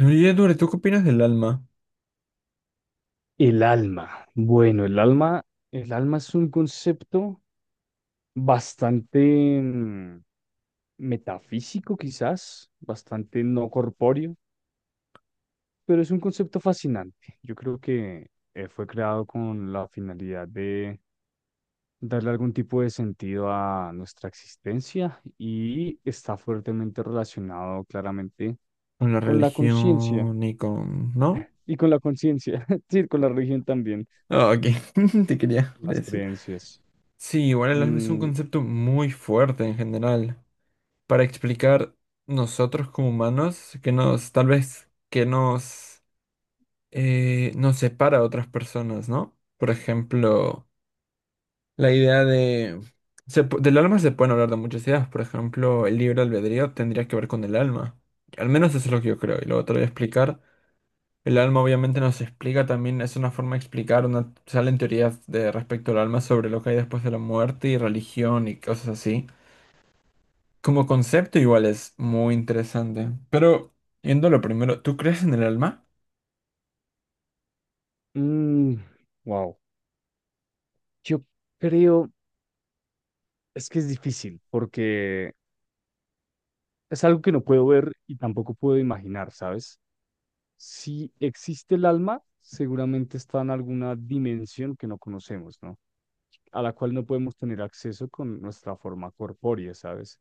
Oye, Edward, ¿tú qué opinas del alma? El alma. Bueno, el alma es un concepto bastante metafísico, quizás, bastante no corpóreo, pero es un concepto fascinante. Yo creo que fue creado con la finalidad de darle algún tipo de sentido a nuestra existencia y está fuertemente relacionado claramente Con la con la conciencia religión y con... ¿No? y con la conciencia, sí, con la religión también, Ah, ok, te quería las decir. creencias. Sí, igual el alma es un Mm, concepto muy fuerte en general. Para explicar nosotros como humanos, que nos, tal vez, nos separa a otras personas, ¿no? Por ejemplo, la idea de... del alma se pueden hablar de muchas ideas. Por ejemplo, el libre albedrío tendría que ver con el alma. Al menos eso es lo que yo creo, y luego te lo voy a explicar. El alma obviamente nos explica también, es una forma de explicar, una, salen teorías de respecto al alma sobre lo que hay después de la muerte y religión y cosas así. Como concepto igual es muy interesante. Pero, yendo a lo primero, ¿tú crees en el alma? wow. Yo creo, es que es difícil porque es algo que no puedo ver y tampoco puedo imaginar, ¿sabes? Si existe el alma, seguramente está en alguna dimensión que no conocemos, ¿no? A la cual no podemos tener acceso con nuestra forma corpórea, ¿sabes?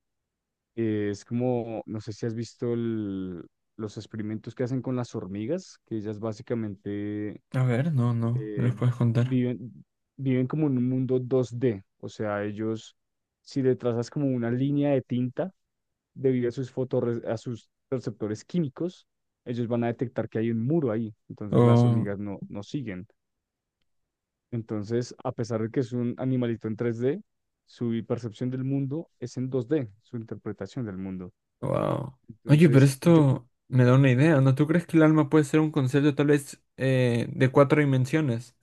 Es como, no sé si has visto los experimentos que hacen con las hormigas, que ellas básicamente A ver, no, no, me eh, los puedes contar. viven, viven como en un mundo 2D, o sea, ellos, si le trazas como una línea de tinta debido a sus a sus receptores químicos, ellos van a detectar que hay un muro ahí, entonces las Oh, hormigas no, no siguen. Entonces, a pesar de que es un animalito en 3D, su percepción del mundo es en 2D, su interpretación del mundo. wow. Oye, pero Entonces, yo, esto me da una idea, ¿no? ¿Tú crees que el alma puede ser un concepto tal vez de cuatro dimensiones?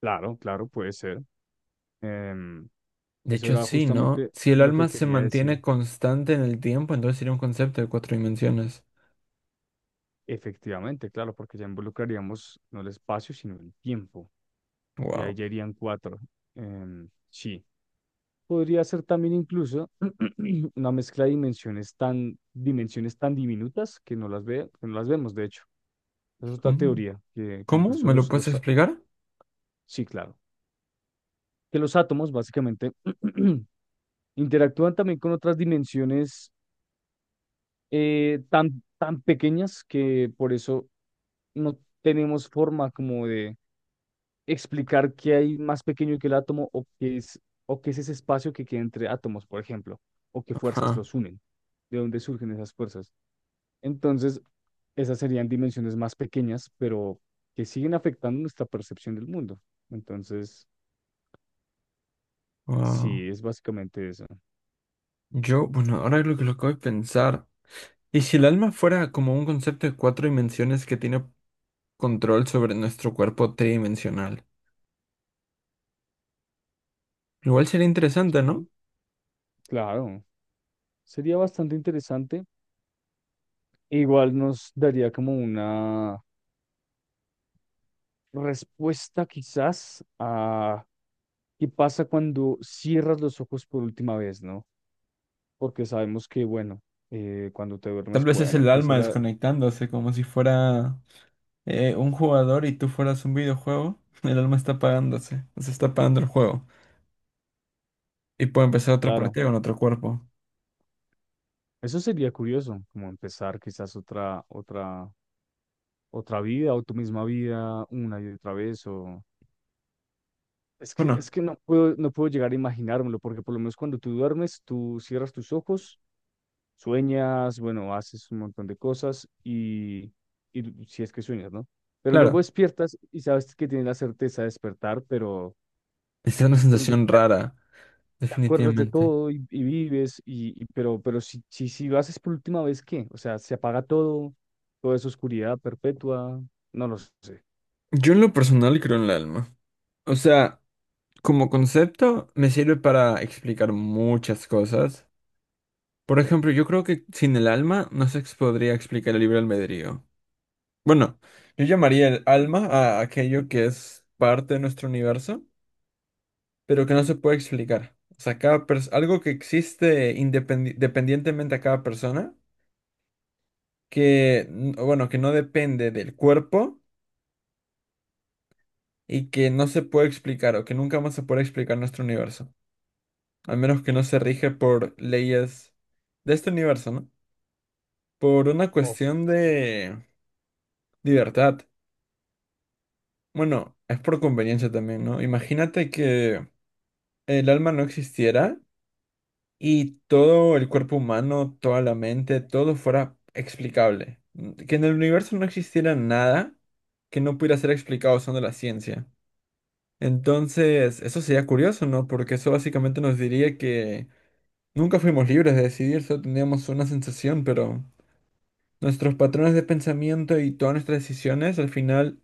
claro, claro, puede ser. Em, De eso hecho, era sí, ¿no? justamente Si el lo alma que se quería decir. mantiene constante en el tiempo, entonces sería un concepto de cuatro dimensiones. Efectivamente, claro, porque ya involucraríamos no el espacio, sino el tiempo. Y Wow. ahí ya irían cuatro. Sí. Podría ser también incluso una mezcla de dimensiones tan diminutas que que no las vemos, de hecho. Esa es otra teoría, que ¿Cómo? incluso ¿Me lo puedes explicar? sí, claro, que los átomos básicamente interactúan también con otras dimensiones tan pequeñas que por eso no tenemos forma como de explicar qué hay más pequeño que el átomo o qué es ese espacio que queda entre átomos, por ejemplo, o qué fuerzas Ajá. los unen, de dónde surgen esas fuerzas. Entonces, esas serían dimensiones más pequeñas, pero que siguen afectando nuestra percepción del mundo. Entonces, Wow. sí, es básicamente eso. Yo, bueno, ahora lo que lo acabo de pensar. ¿Y si el alma fuera como un concepto de cuatro dimensiones que tiene control sobre nuestro cuerpo tridimensional? Igual sería interesante, ¿no? Sí, claro. Sería bastante interesante. Igual nos daría como una respuesta quizás a qué pasa cuando cierras los ojos por última vez, ¿no? Porque sabemos que, bueno, cuando te Tal duermes, vez es bueno, el empieza alma la, desconectándose, como si fuera un jugador y tú fueras un videojuego. El alma está apagándose, se está apagando el juego. Y puede empezar otra claro, partida con otro cuerpo. eso sería curioso, como empezar quizás otra vida o tu misma vida una y otra vez, o Bueno, es que no puedo, no puedo llegar a imaginármelo, porque por lo menos cuando tú duermes, tú cierras tus ojos, sueñas, bueno, haces un montón de cosas y si es que sueñas, ¿no? Pero luego claro. despiertas y sabes que tienes la certeza de despertar, pero Es una sensación rara, te acuerdas de definitivamente. todo y vives, pero si lo haces por última vez, ¿qué? O sea, se apaga todo, toda esa oscuridad perpetua, no lo sé. Yo en lo personal creo en el alma. O sea, como concepto me sirve para explicar muchas cosas. Por ejemplo, yo creo que sin el alma no se ex- podría explicar el libre albedrío. Bueno, yo llamaría el alma a aquello que es parte de nuestro universo, pero que no se puede explicar. O sea, algo que existe dependientemente a cada persona, que, n- o bueno, que no depende del cuerpo y que no se puede explicar o que nunca más se puede explicar en nuestro universo. Al menos que no se rige por leyes de este universo, ¿no? Por una Ok. cuestión de libertad. Bueno, es por conveniencia también, ¿no? Imagínate que el alma no existiera y todo el cuerpo humano, toda la mente, todo fuera explicable. Que en el universo no existiera nada que no pudiera ser explicado usando la ciencia. Entonces, eso sería curioso, ¿no? Porque eso básicamente nos diría que nunca fuimos libres de decidir, solo teníamos una sensación, pero... Nuestros patrones de pensamiento y todas nuestras decisiones al final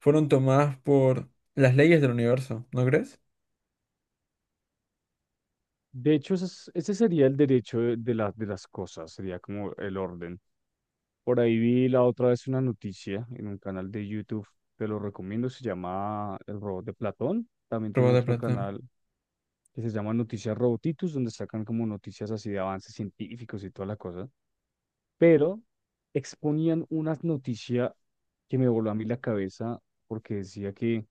fueron tomadas por las leyes del universo, ¿no crees? De hecho, ese sería el derecho de, de las cosas, sería como el orden. Por ahí vi la otra vez una noticia en un canal de YouTube, te lo recomiendo, se llama El Robot de Platón. También Probó tiene de otro Platón. canal que se llama Noticias Robotitus, donde sacan como noticias así de avances científicos y toda la cosa. Pero exponían unas noticias que me voló a mí la cabeza porque decía que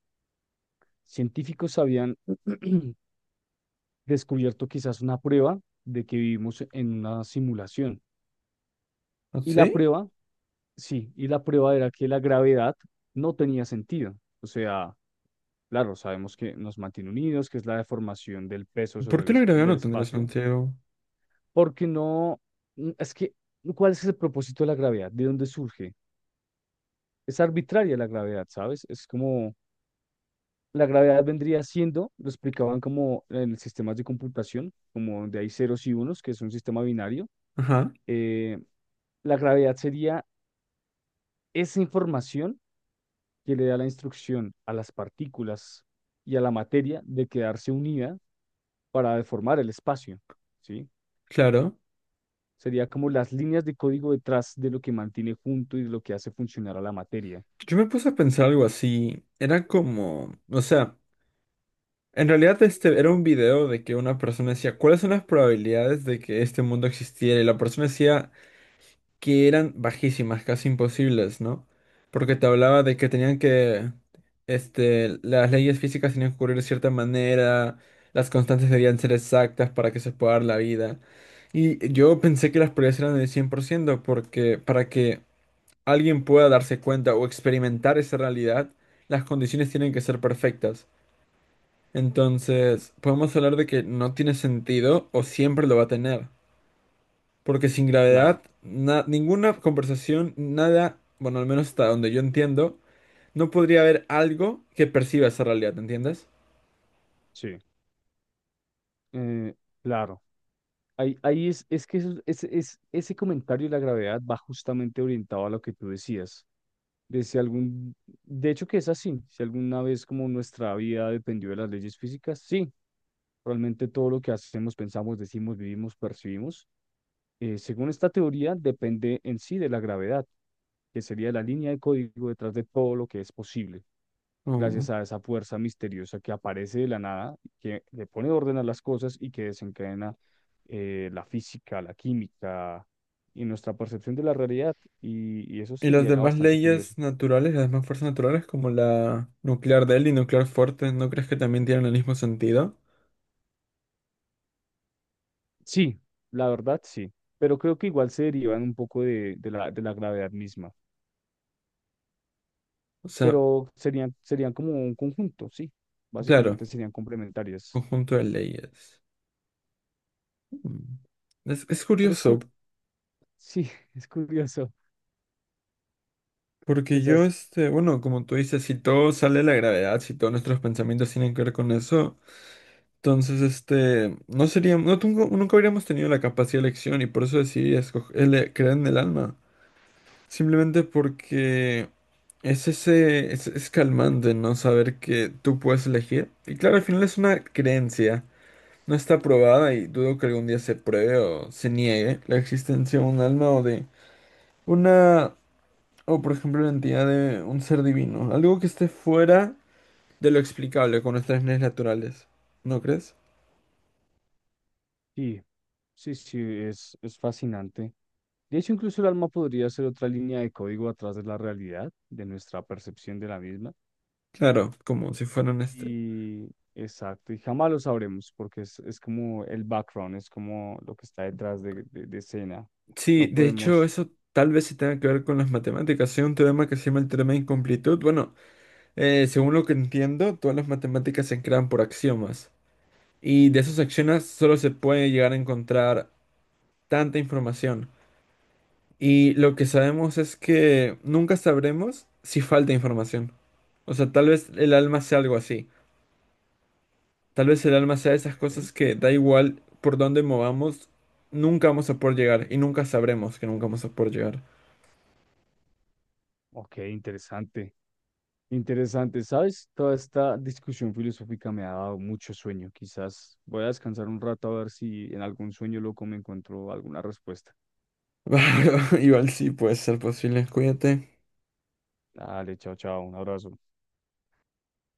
científicos habían descubierto quizás una prueba de que vivimos en una simulación. ¿Ah, Y la ¿sí? prueba, sí, y la prueba era que la gravedad no tenía sentido. O sea, claro, sabemos que nos mantiene unidos, que es la deformación del peso ¿Por sobre qué la gravedad del no tendría espacio, sentido? porque no, es que, ¿cuál es el propósito de la gravedad? ¿De dónde surge? Es arbitraria la gravedad, ¿sabes? Es como la gravedad vendría siendo, lo explicaban como en sistemas de computación, como donde hay ceros y unos, que es un sistema binario. Ajá, eh, la gravedad sería esa información que le da la instrucción a las partículas y a la materia de quedarse unida para deformar el espacio, ¿sí? claro. Sería como las líneas de código detrás de lo que mantiene junto y de lo que hace funcionar a la materia. Yo me puse a pensar algo así. Era como, o sea, en realidad este era un video de que una persona decía, ¿cuáles son las probabilidades de que este mundo existiera? Y la persona decía que eran bajísimas, casi imposibles, ¿no? Porque te hablaba de que tenían que, este, las leyes físicas tenían que ocurrir de cierta manera, las constantes debían ser exactas para que se pueda dar la vida. Y yo pensé que las probabilidades eran del 100%, porque para que alguien pueda darse cuenta o experimentar esa realidad, las condiciones tienen que ser perfectas. Mm, Entonces, podemos hablar de que no tiene sentido o siempre lo va a tener. Porque sin claro, gravedad, ninguna conversación, nada, bueno, al menos hasta donde yo entiendo, no podría haber algo que perciba esa realidad, ¿entiendes? sí. Eh, claro. Ahí, ahí es que eso- es- ese comentario y la gravedad va justamente orientado a lo que tú decías. De si algún, de hecho que es así, si alguna vez como nuestra vida dependió de las leyes físicas, sí, realmente todo lo que hacemos, pensamos, decimos, vivimos, percibimos, según esta teoría, depende en sí de la gravedad, que sería la línea de código detrás de todo lo que es posible Oh. gracias a esa fuerza misteriosa que aparece de la nada, que le pone orden a las cosas y que desencadena la física, la química y nuestra percepción de la realidad. Y eso Y las sería demás bastante curioso. leyes naturales, las demás fuerzas naturales, como la nuclear débil y nuclear fuerte, ¿no crees que también tienen el mismo sentido? Sí, la verdad sí, pero creo que igual se derivan un poco de la gravedad misma, O sea, pero serían como un conjunto, sí, claro, básicamente serían complementarias. conjunto de leyes. Mm. Es Pero es, curioso, cur- sí, es curioso. porque yo, Esas, este, bueno, como tú dices, si todo sale de la gravedad, si todos nuestros pensamientos tienen que ver con eso, entonces, este, no sería, no tengo- nunca habríamos tenido la capacidad de elección y por eso decidí escoger, creer en el alma. Simplemente porque es calmante, ¿no? Saber que tú puedes elegir. Y claro, al final es una creencia. No está probada y dudo que algún día se pruebe o se niegue la existencia de un alma o de una, o por ejemplo, la entidad de un ser divino. Algo que esté fuera de lo explicable con nuestras leyes naturales. ¿No crees? sí, sí, es fascinante. De hecho, incluso el alma podría ser otra línea de código atrás de la realidad, de nuestra percepción de la misma. Claro, como si fueran este. Y exacto, y jamás lo sabremos porque es como el background, es como lo que está detrás de escena. Sí, No de hecho, podemos. eso tal vez se tenga que ver con las matemáticas. Hay un teorema que se llama el teorema de incomplitud. Bueno, según lo que entiendo, todas las matemáticas se crean por axiomas. Y de esos axiomas solo se puede llegar a encontrar tanta información. Y lo que sabemos es que nunca sabremos si falta información. O sea, tal vez el alma sea algo así. Tal vez el alma sea esas Ok, cosas que da igual por dónde movamos, nunca vamos a poder llegar. Y nunca sabremos que nunca vamos a poder llegar. ok, interesante. Interesante, ¿sabes? Toda esta discusión filosófica me ha dado mucho sueño. Quizás voy a descansar un rato a ver si en algún sueño loco me encuentro alguna respuesta. Igual sí puede ser posible, cuídate. Dale, chao, chao, un abrazo.